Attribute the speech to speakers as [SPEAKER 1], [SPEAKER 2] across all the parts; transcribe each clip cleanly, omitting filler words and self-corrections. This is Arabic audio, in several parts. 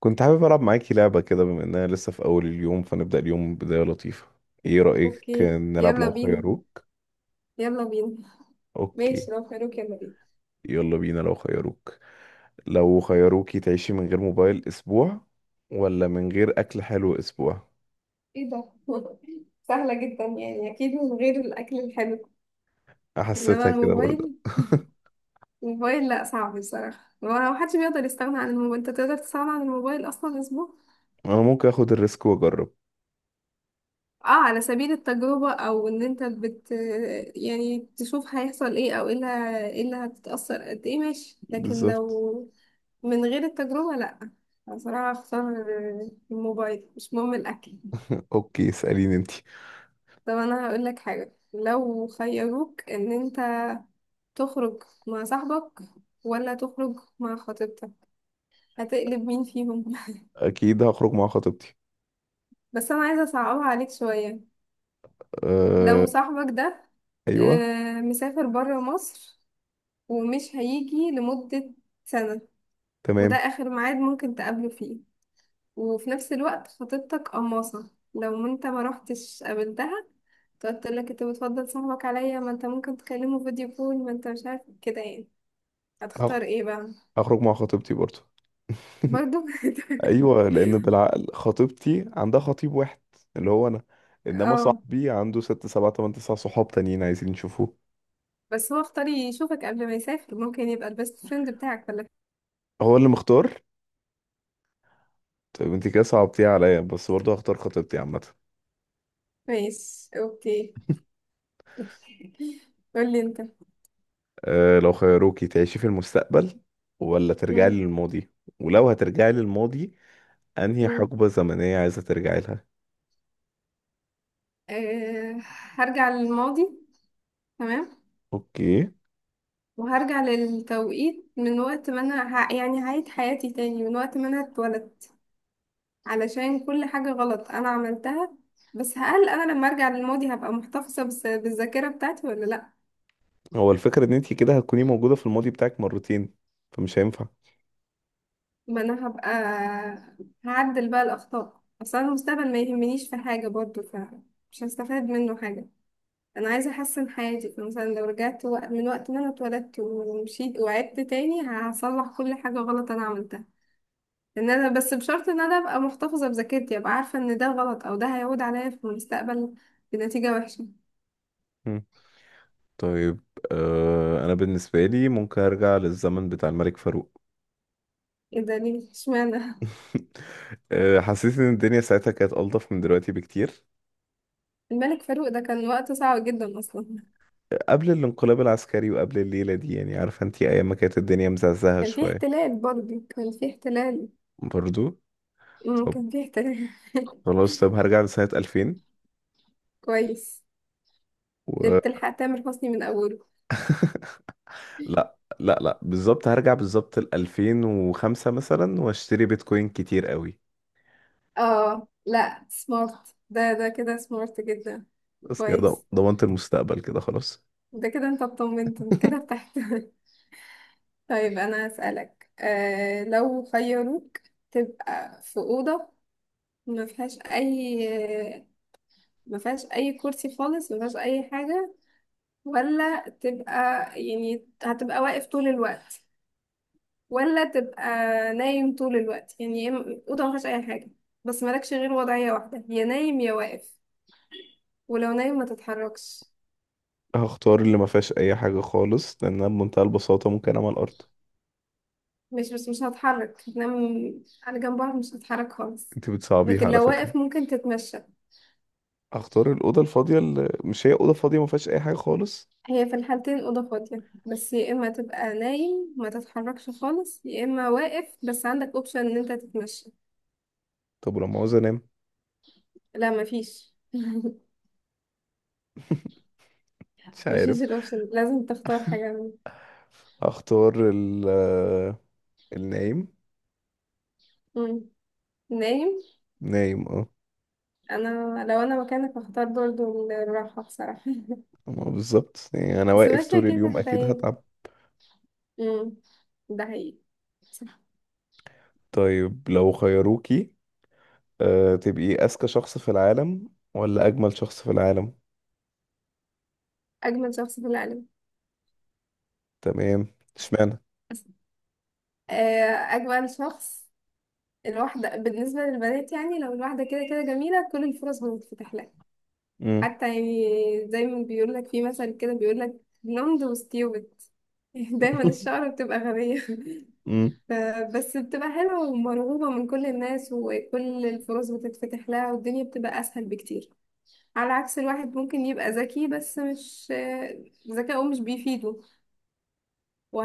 [SPEAKER 1] كنت حابب ألعب معاكي لعبة كده بما إننا لسه في أول اليوم، فنبدأ اليوم بداية لطيفة. إيه رأيك
[SPEAKER 2] اوكي،
[SPEAKER 1] نلعب
[SPEAKER 2] يلا
[SPEAKER 1] لو
[SPEAKER 2] بينا.
[SPEAKER 1] خيروك؟
[SPEAKER 2] يلا بينا.
[SPEAKER 1] أوكي،
[SPEAKER 2] ماشي، لو خيروك، يلا بينا.
[SPEAKER 1] يلا بينا لو خيروك. لو خيروكي تعيشي من غير موبايل أسبوع ولا من غير أكل حلو أسبوع؟
[SPEAKER 2] ايه ده؟ سهلة جدا، يعني اكيد من غير الاكل الحلو. انما
[SPEAKER 1] حسيتها كده برضه
[SPEAKER 2] الموبايل. الموبايل، لا، صعب بصراحة. ما حدش بيقدر يستغنى عن الموبايل. انت تقدر تستغنى عن الموبايل اصلا اسبوع؟
[SPEAKER 1] أنا ممكن أخد الريسك وأجرب.
[SPEAKER 2] اه، على سبيل التجربة، او ان انت يعني تشوف هيحصل ايه، او إيه اللي هتتأثر قد ايه. ماشي، لكن
[SPEAKER 1] بالظبط.
[SPEAKER 2] لو من غير التجربة لا. بصراحة، اختار الموبايل، مش مهم الاكل.
[SPEAKER 1] أوكي اسأليني أنتي.
[SPEAKER 2] طب انا هقول لك حاجه. لو خيروك ان انت تخرج مع صاحبك ولا تخرج مع خطيبتك، هتقلب مين فيهم؟
[SPEAKER 1] أكيد هخرج مع خطيبتي.
[SPEAKER 2] بس انا عايزه اصعبها عليك شويه.
[SPEAKER 1] أه...
[SPEAKER 2] لو صاحبك ده
[SPEAKER 1] أيوه.
[SPEAKER 2] مسافر بره مصر، ومش هيجي لمده سنه، وده
[SPEAKER 1] تمام.
[SPEAKER 2] اخر ميعاد ممكن تقابله فيه. وفي نفس الوقت خطيبتك قماصه لو انت ما رحتش قابلتها، تقعد تقول لك انت بتفضل صاحبك عليا، ما انت ممكن تكلمه فيديو كول، ما انت مش عارف كده يعني.
[SPEAKER 1] هخ-
[SPEAKER 2] هتختار ايه بقى؟
[SPEAKER 1] هخرج مع خطيبتي برضه
[SPEAKER 2] برضو.
[SPEAKER 1] ايوه، لان بالعقل خطيبتي عندها خطيب واحد اللي هو انا، انما
[SPEAKER 2] اه،
[SPEAKER 1] صاحبي عنده ست سبعة تمن تسع صحاب تانيين عايزين يشوفوه.
[SPEAKER 2] بس هو اختار يشوفك قبل ما يسافر، ممكن يبقى البيست فريند بتاعك، ولا؟
[SPEAKER 1] هو اللي مختار. طيب انت كده صعبتيها عليا بس برضه هختار خطيبتي عامة.
[SPEAKER 2] ماشي، اوكي. قولي انت.
[SPEAKER 1] أه لو خيروكي تعيشي في المستقبل ولا ترجعي
[SPEAKER 2] مم.
[SPEAKER 1] للماضي؟ ولو هترجعي للماضي، انهي
[SPEAKER 2] مم.
[SPEAKER 1] حقبة زمنية عايزة ترجعي لها؟
[SPEAKER 2] أه، هرجع للماضي. تمام.
[SPEAKER 1] اوكي.
[SPEAKER 2] وهرجع للتوقيت من وقت ما انا يعني هعيد حياتي تاني من وقت ما انا اتولدت، علشان كل حاجة غلط انا عملتها. بس هل انا لما ارجع للماضي هبقى محتفظة بالذاكرة بتاعتي ولا لا؟
[SPEAKER 1] هو الفكرة ان انت كده هتكوني موجودة في الماضي بتاعك مرتين، فمش هينفع.
[SPEAKER 2] ما انا هبقى هعدل بقى الاخطاء. اصلا المستقبل ما يهمنيش في حاجه برضو، فمش هستفاد منه حاجه. انا عايزه احسن حياتي، فمثلا لو رجعت من وقت ما انا اتولدت ومشيت وعدت تاني، هصلح كل حاجه غلط انا عملتها. ان انا، بس بشرط ان انا ابقى محتفظه بذاكرتي، ابقى عارفه ان ده غلط او ده هيعود عليا في المستقبل بنتيجه وحشه.
[SPEAKER 1] مم. طيب، أه انا بالنسبة لي ممكن ارجع للزمن بتاع الملك فاروق.
[SPEAKER 2] ايه ده، ليه، اشمعنى؟
[SPEAKER 1] آه، حسيت ان الدنيا ساعتها كانت ألطف من دلوقتي بكتير.
[SPEAKER 2] الملك فاروق ده كان وقته صعب جدا اصلا.
[SPEAKER 1] قبل الانقلاب العسكري وقبل الليلة دي، يعني عارفة انتي ايام ما كانت الدنيا مزعزعة
[SPEAKER 2] كان في
[SPEAKER 1] شوية.
[SPEAKER 2] احتلال، برضه كان في احتلال.
[SPEAKER 1] برضو. طب
[SPEAKER 2] كان في احتلال.
[SPEAKER 1] خلاص، طب هرجع لسنة 2000
[SPEAKER 2] كويس. ده
[SPEAKER 1] و...
[SPEAKER 2] بتلحق تامر حسني من اوله.
[SPEAKER 1] لا لا لا، بالظبط هرجع بالظبط ل 2005 مثلا واشتري بيتكوين كتير قوي.
[SPEAKER 2] اه، لا، سمارت. ده كده سمارت جدا.
[SPEAKER 1] بس كده
[SPEAKER 2] كويس.
[SPEAKER 1] ضمنت المستقبل كده خلاص.
[SPEAKER 2] ده كده انت اطمنت، انت كده ارتحت. طيب انا هسألك، لو خيروك تبقى في أوضة ما فيهاش اي ما فيهاش اي كرسي خالص، ما فيهاش اي حاجة، ولا تبقى يعني هتبقى واقف طول الوقت، ولا تبقى نايم طول الوقت. يعني أوضة ما فيهاش اي حاجة، بس مالكش غير وضعية واحدة، يا نايم يا واقف. ولو نايم ما تتحركش.
[SPEAKER 1] هختار اللي ما فيهاش اي حاجة خالص، لانها بمنتهى البساطة ممكن اعمل ارض.
[SPEAKER 2] مش بس مش هتحرك، هتنام على جنب، بعض مش هتتحرك خالص.
[SPEAKER 1] انتي بتصعبيها
[SPEAKER 2] لكن
[SPEAKER 1] على
[SPEAKER 2] لو
[SPEAKER 1] فكرة.
[SPEAKER 2] واقف ممكن تتمشى.
[SPEAKER 1] اختار الاوضه الفاضيه اللي مش هي اوضه فاضيه، ما فيهاش اي حاجه خالص.
[SPEAKER 2] هي في الحالتين أوضة فاضية، بس يا إما تبقى نايم ما تتحركش خالص، يا إما واقف بس عندك أوبشن إن أنت تتمشى.
[SPEAKER 1] طب ولما عاوز انام؟
[SPEAKER 2] لا، مفيش
[SPEAKER 1] مش
[SPEAKER 2] مفيش
[SPEAKER 1] عارف.
[SPEAKER 2] الأوبشن، لازم تختار حاجة منهم.
[SPEAKER 1] اختار ال النايم.
[SPEAKER 2] مم. نايم.
[SPEAKER 1] نايم اه.
[SPEAKER 2] أنا، لو أنا مكانك هختار برضه الراحة بصراحة.
[SPEAKER 1] ما بالظبط، يعني انا
[SPEAKER 2] بس
[SPEAKER 1] واقف
[SPEAKER 2] ماشية
[SPEAKER 1] طول
[SPEAKER 2] كده
[SPEAKER 1] اليوم اكيد
[SPEAKER 2] هدايا.
[SPEAKER 1] هتعب.
[SPEAKER 2] مم. ده حقيقي. صح.
[SPEAKER 1] طيب لو خيروكي، أه تبقي اذكى شخص في العالم ولا اجمل شخص في العالم؟
[SPEAKER 2] أجمل شخص في العالم.
[SPEAKER 1] تمام. اشمعنى؟
[SPEAKER 2] أجمل شخص. الواحدة بالنسبة للبنات، يعني لو الواحدة كده كده جميلة، كل الفرص بتتفتح لها.
[SPEAKER 1] امم.
[SPEAKER 2] حتى يعني زي ما بيقول لك في مثل كده، بيقول لك بلوند وستيوبد. دايما الشعر بتبقى غبية.
[SPEAKER 1] امم.
[SPEAKER 2] ف- بس بتبقى حلوة ومرغوبة من كل الناس، وكل الفرص بتتفتح لها، والدنيا بتبقى أسهل بكتير. على عكس الواحد ممكن يبقى ذكي، بس مش، ذكاؤه مش بيفيده.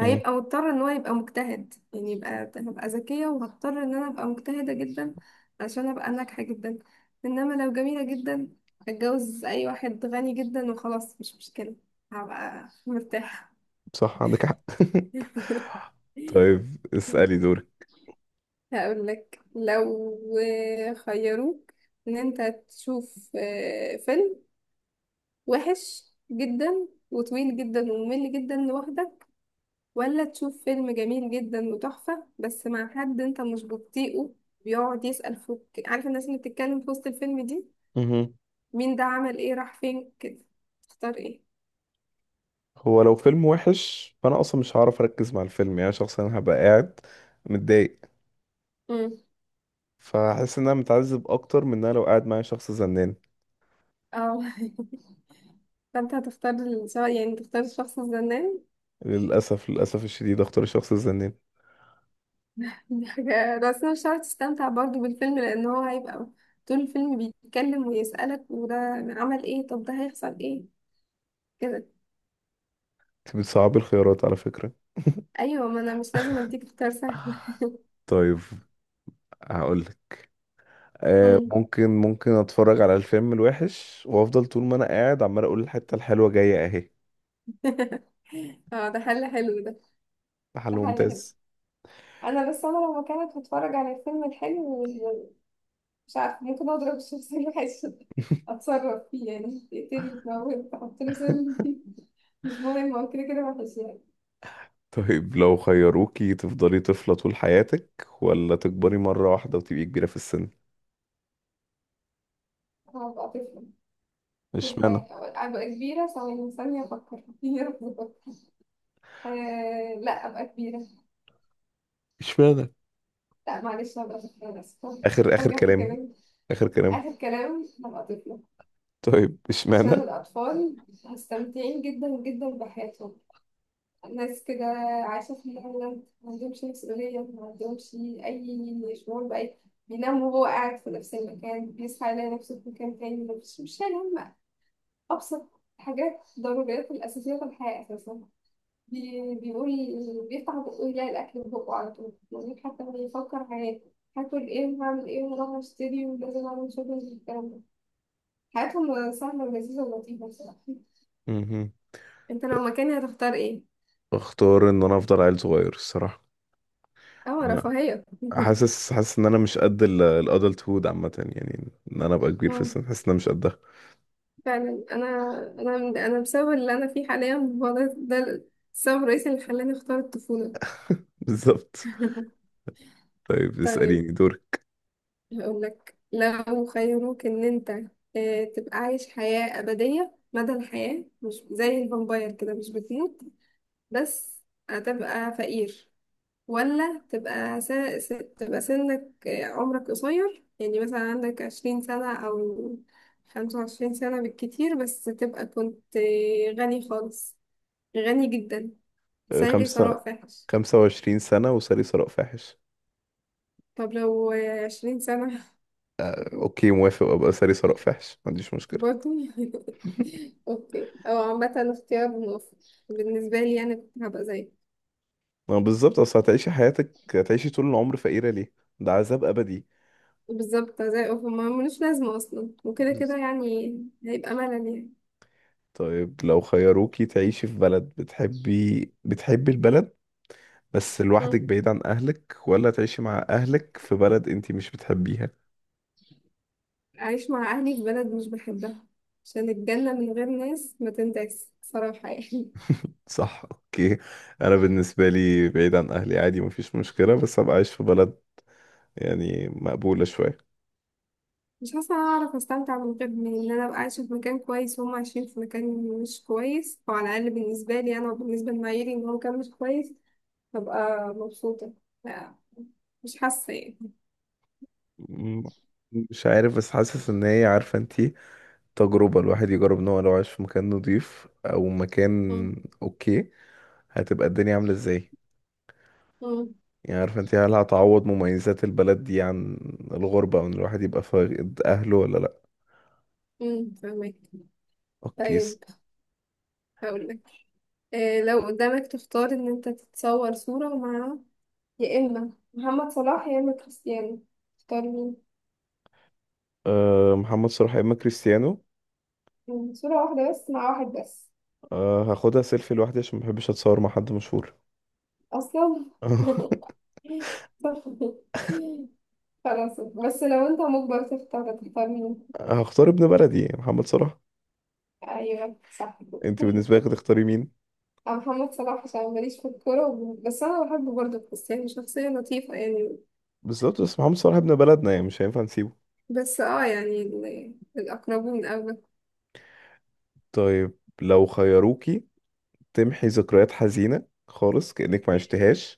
[SPEAKER 1] امم.
[SPEAKER 2] مضطر ان هو يبقى مجتهد، يعني هبقى ذكية وهضطر ان انا ابقى مجتهدة جدا عشان ابقى ناجحة جدا. انما لو جميلة جدا، اتجوز اي واحد غني جدا وخلاص، مش مشكلة، هبقى مرتاحة.
[SPEAKER 1] صح، عندك حق. طيب اسالي.
[SPEAKER 2] هقول لك لو خيروك ان انت تشوف فيلم وحش جدا وطويل جدا وممل جدا لوحدك، ولا تشوف فيلم جميل جدا وتحفة بس مع حد انت مش بتطيقه، بيقعد يسأل فوق، عارف، الناس اللي بتتكلم في وسط الفيلم دي.
[SPEAKER 1] دورك.
[SPEAKER 2] مين ده، عمل ايه، راح فين، كده. تختار ايه؟
[SPEAKER 1] هو لو فيلم وحش، فانا اصلا مش هعرف اركز مع الفيلم، يعني شخصيا هبقى قاعد متضايق.
[SPEAKER 2] امم
[SPEAKER 1] فحاسس ان انا متعذب اكتر من ان انا لو قاعد معايا شخص زنان.
[SPEAKER 2] اه. فانت هتختار يعني تختار الشخص الزنان.
[SPEAKER 1] للاسف، للاسف الشديد اختار الشخص الزنان.
[SPEAKER 2] دي حاجة، بس أنا مش هتعرف تستمتع برضه بالفيلم، لأن هو هيبقى طول الفيلم بيتكلم ويسألك، وده عمل ايه، طب ده هيحصل ايه، كده.
[SPEAKER 1] انت بتصعبي الخيارات على فكرة.
[SPEAKER 2] ايوه، ما انا مش لازم اديك اختيار سهل.
[SPEAKER 1] طيب هقولك، آه
[SPEAKER 2] امم
[SPEAKER 1] ممكن ممكن اتفرج على الفيلم الوحش وافضل طول ما انا قاعد عمال اقول الحتة الحلوة جاية اهي.
[SPEAKER 2] اه، ده حل حلو ده.
[SPEAKER 1] محل
[SPEAKER 2] ده حل حلو.
[SPEAKER 1] ممتاز.
[SPEAKER 2] انا، بس انا لو مكانك هتفرج على الفيلم الحلو، مش عارفه، ممكن اضرب الشخصيه الوحشه دي، اتصرف فيه يعني، تقتلي، تموت، تحط له سم فيه، مش مهم، هو كده كده وحش يعني.
[SPEAKER 1] طيب لو خيروكي تفضلي طفلة طول حياتك ولا تكبري مرة واحدة وتبقي كبيرة في السن؟
[SPEAKER 2] هبقى طفله. طول
[SPEAKER 1] اشمعنى؟
[SPEAKER 2] حياتي ابقى كبيره؟ ثواني، ثانيه افكر. يا رب، بفكر. آه، لا، ابقى كبيره.
[SPEAKER 1] اشمعنى؟
[SPEAKER 2] لا، معلش، هبقى طفله، أنا اسفه.
[SPEAKER 1] اخر اخر
[SPEAKER 2] ارجع في
[SPEAKER 1] كلام.
[SPEAKER 2] كلامي.
[SPEAKER 1] اخر كلام.
[SPEAKER 2] اخر كلام هبقى طفله.
[SPEAKER 1] طيب
[SPEAKER 2] عشان
[SPEAKER 1] اشمعنى؟
[SPEAKER 2] الاطفال مستمتعين جدا جدا بحياتهم. ناس كده عايشة في الهند ما عندهمش مسؤولية، ما عندهمش أي شعور بأي. بينام وهو قاعد في نفس المكان، بيصحى يلاقي نفسه في مكان تاني، مش شايل هم. أبسط حاجات، ضروريات الأساسية في الحياة أساسا. بيقول، بيفتح بقه يلاقي الأكل في بقه على طول، يعني حتى ما يفكر هاكل إيه وهعمل إيه وراح أشتري ولازم أعمل شوبينج والكلام ده. حياتهم سهلة ولذيذة ولطيفة بصراحة.
[SPEAKER 1] مهم.
[SPEAKER 2] أنت لو مكاني هتختار إيه؟
[SPEAKER 1] اختار ان انا افضل عيل صغير الصراحه.
[SPEAKER 2] اه،
[SPEAKER 1] انا
[SPEAKER 2] رفاهية.
[SPEAKER 1] حاسس، حاسس ان انا مش قد الادلت هود عامه، يعني ان انا ابقى كبير في السن حاسس ان انا مش قدها.
[SPEAKER 2] فعلا، انا انا بسبب اللي انا فيه حاليا، هو ده السبب الرئيسي اللي خلاني اختار الطفولة.
[SPEAKER 1] بالظبط. طيب
[SPEAKER 2] طيب،
[SPEAKER 1] اساليني دوري.
[SPEAKER 2] هقول لك لو خيروك ان انت تبقى عايش حياة أبدية مدى الحياة، مش زي الفامباير كده، مش بتموت، بس هتبقى فقير. ولا تبقى س... تبقى سنك آه، عمرك قصير، يعني مثلا عندك 20 سنة أو 25 سنة بالكتير، بس تبقى كنت غني خالص، غني جدا،
[SPEAKER 1] أه،
[SPEAKER 2] سيري
[SPEAKER 1] خمسة،
[SPEAKER 2] ثراء فاحش.
[SPEAKER 1] خمسة وعشرين سنة وساري ثراء فاحش.
[SPEAKER 2] طب لو 20 سنة؟
[SPEAKER 1] أه، اوكي موافق، ابقى ساري ثراء فاحش ما عنديش مشكلة.
[SPEAKER 2] برضه. اوكي، او عامة اختيار موفق. بالنسبة لي، يعني كنت هبقى زي،
[SPEAKER 1] ما بالظبط، اصل هتعيشي حياتك هتعيشي طول العمر فقيرة ليه؟ ده عذاب ابدي.
[SPEAKER 2] بالظبط، زي اوف، ما ملوش لازمة اصلا وكده كده يعني، هيبقى ملل يعني.
[SPEAKER 1] طيب لو خيروكي تعيشي في بلد بتحبي، بتحبي البلد بس لوحدك
[SPEAKER 2] مم.
[SPEAKER 1] بعيد عن أهلك، ولا تعيشي مع أهلك في بلد أنتي مش بتحبيها؟
[SPEAKER 2] أعيش مع أهلي في بلد مش بحبها، عشان الجنة من غير ناس ما تنداس صراحة يعني.
[SPEAKER 1] صح، أوكي. أنا بالنسبة لي بعيد عن أهلي عادي، مفيش مشكلة، بس أبقى عايش في بلد يعني مقبولة شوية.
[SPEAKER 2] مش حاسة إن أنا أعرف أستمتع من غير، من إن أنا أبقى عايشة في مكان كويس وهم عايشين في مكان مش كويس، أو على الأقل بالنسبة لي أنا وبالنسبة لمعاييري إن هو مكان مش كويس، ببقى مبسوطة. لا، مش حاسة يعني.
[SPEAKER 1] م- مش عارف، بس حاسس إن هي عارفة أنتي تجربة الواحد يجرب إن هو لو عايش في مكان نضيف أو
[SPEAKER 2] مم.
[SPEAKER 1] مكان. أوكي. هتبقى الدنيا عاملة إزاي؟
[SPEAKER 2] مم.
[SPEAKER 1] يعني عارفة انت، هل هتعوض مميزات البلد دي عن الغربة وان الواحد يبقى فاقد اهله ولا لا.
[SPEAKER 2] مم. فاهمك.
[SPEAKER 1] اوكي
[SPEAKER 2] طيب، هقول لك إيه، لو قدامك تختار ان انت تتصور صورة مع يا اما محمد صلاح يا اما كريستيانو، تختار مين؟
[SPEAKER 1] أه محمد صلاح يا اما كريستيانو؟
[SPEAKER 2] مم. صورة واحدة بس، مع واحد بس.
[SPEAKER 1] أه، هاخدها سيلفي لوحدي عشان محبش اتصور مع حد مشهور.
[SPEAKER 2] اصلا. خلاص، بس لو انت مجبر تختار مين؟
[SPEAKER 1] هختار ابن بلدي محمد صلاح.
[SPEAKER 2] ايوه، صح.
[SPEAKER 1] انت بالنسبة لك هتختاري مين؟
[SPEAKER 2] أنا محمد صلاح، عشان ماليش في الكورة، بس أنا بحبه برضه. كريستيانو شخصية لطيفة يعني.
[SPEAKER 1] بالظبط، بس محمد صلاح ابن بلدنا يعني مش هينفع نسيبه.
[SPEAKER 2] بس اه يعني، الأقربون أولى.
[SPEAKER 1] طيب لو خيروكي تمحي ذكريات حزينة خالص كأنك ما عشتهاش،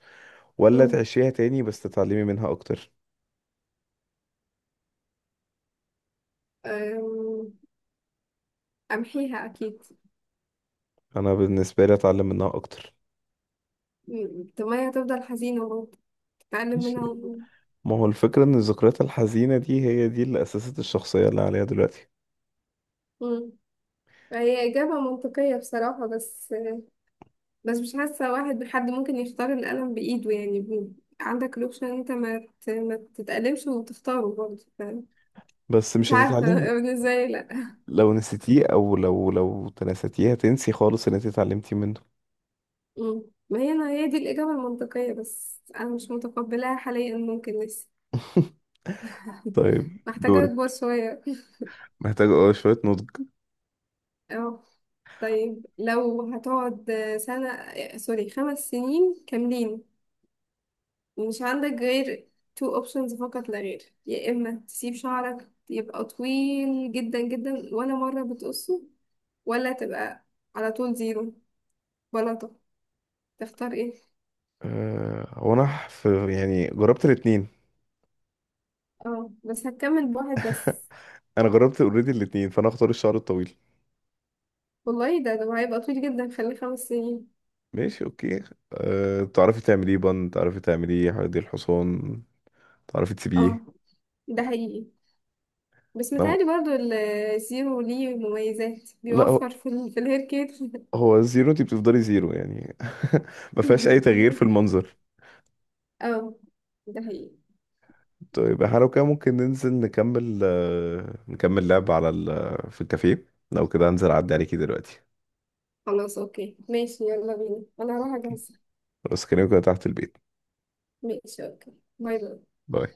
[SPEAKER 1] ولا
[SPEAKER 2] مم.
[SPEAKER 1] تعيشيها تاني بس تتعلمي منها اكتر؟
[SPEAKER 2] أم، أمحيها أكيد.
[SPEAKER 1] انا بالنسبة لي اتعلم منها اكتر.
[SPEAKER 2] مم. طب ما هي هتفضل حزينة برضه، تتعلم منها
[SPEAKER 1] ما هو الفكرة ان الذكريات الحزينة دي هي دي اللي اسست الشخصية اللي عليها دلوقتي.
[SPEAKER 2] مم. هي إجابة منطقية بصراحة، بس مش حاسة. واحد حد ممكن يختار القلم بإيده، يعني عندك الأوبشن إن أنت ما تتألمش وتختاره برضه،
[SPEAKER 1] بس
[SPEAKER 2] مش
[SPEAKER 1] مش
[SPEAKER 2] عارفة.
[SPEAKER 1] هتتعلمي.
[SPEAKER 2] بالنسبة لي، لأ.
[SPEAKER 1] لو نسيتيه او لو تناستيه هتنسي خالص اللي انت اتعلمتي منه.
[SPEAKER 2] مم. ما هي أنا هي دي الإجابة المنطقية، بس أنا مش متقبلاها حاليا، ممكن لسه.
[SPEAKER 1] طيب
[SPEAKER 2] محتاجة
[SPEAKER 1] دورك.
[SPEAKER 2] أكبر شوية.
[SPEAKER 1] محتاج اه شوية نضج.
[SPEAKER 2] اه. طيب، لو هتقعد سنة سوري 5 سنين كاملين، ومش عندك غير two options فقط لا غير، يا إما تسيب شعرك يبقى طويل جدا جدا، ولا مرة بتقصه، ولا تبقى على طول زيرو بلاطة. تختار ايه؟
[SPEAKER 1] أه هو انا في يعني جربت الاتنين.
[SPEAKER 2] اه، بس هتكمل بواحد بس.
[SPEAKER 1] انا جربت اوريدي الاتنين، فانا اختار الشعر الطويل.
[SPEAKER 2] والله، ده هيبقى طويل جدا، خليه 5 سنين.
[SPEAKER 1] ماشي اوكي. أه تعرفي تعمليه بند، تعرفي تعمليه حديقة الحصان، تعرفي
[SPEAKER 2] اه،
[SPEAKER 1] تسيبيه.
[SPEAKER 2] ده حقيقي. بس
[SPEAKER 1] لا،
[SPEAKER 2] متهيألي برضو الزيرو ليه مميزات،
[SPEAKER 1] هو
[SPEAKER 2] بيوفر في ال في الهير كير.
[SPEAKER 1] هو زيرو، انت بتفضلي زيرو يعني. ما فيهاش اي تغيير في المنظر.
[SPEAKER 2] اه، ده حقيقي.
[SPEAKER 1] طيب احنا لو كده ممكن ننزل نكمل، آه، نكمل لعب على في الكافيه. لو كده هنزل اعدي عليكي دلوقتي
[SPEAKER 2] خلاص، اوكي، ماشي، يلا بينا، انا هروح اجهز.
[SPEAKER 1] بس كده تحت البيت.
[SPEAKER 2] ماشي، اوكي. باي باي.
[SPEAKER 1] باي.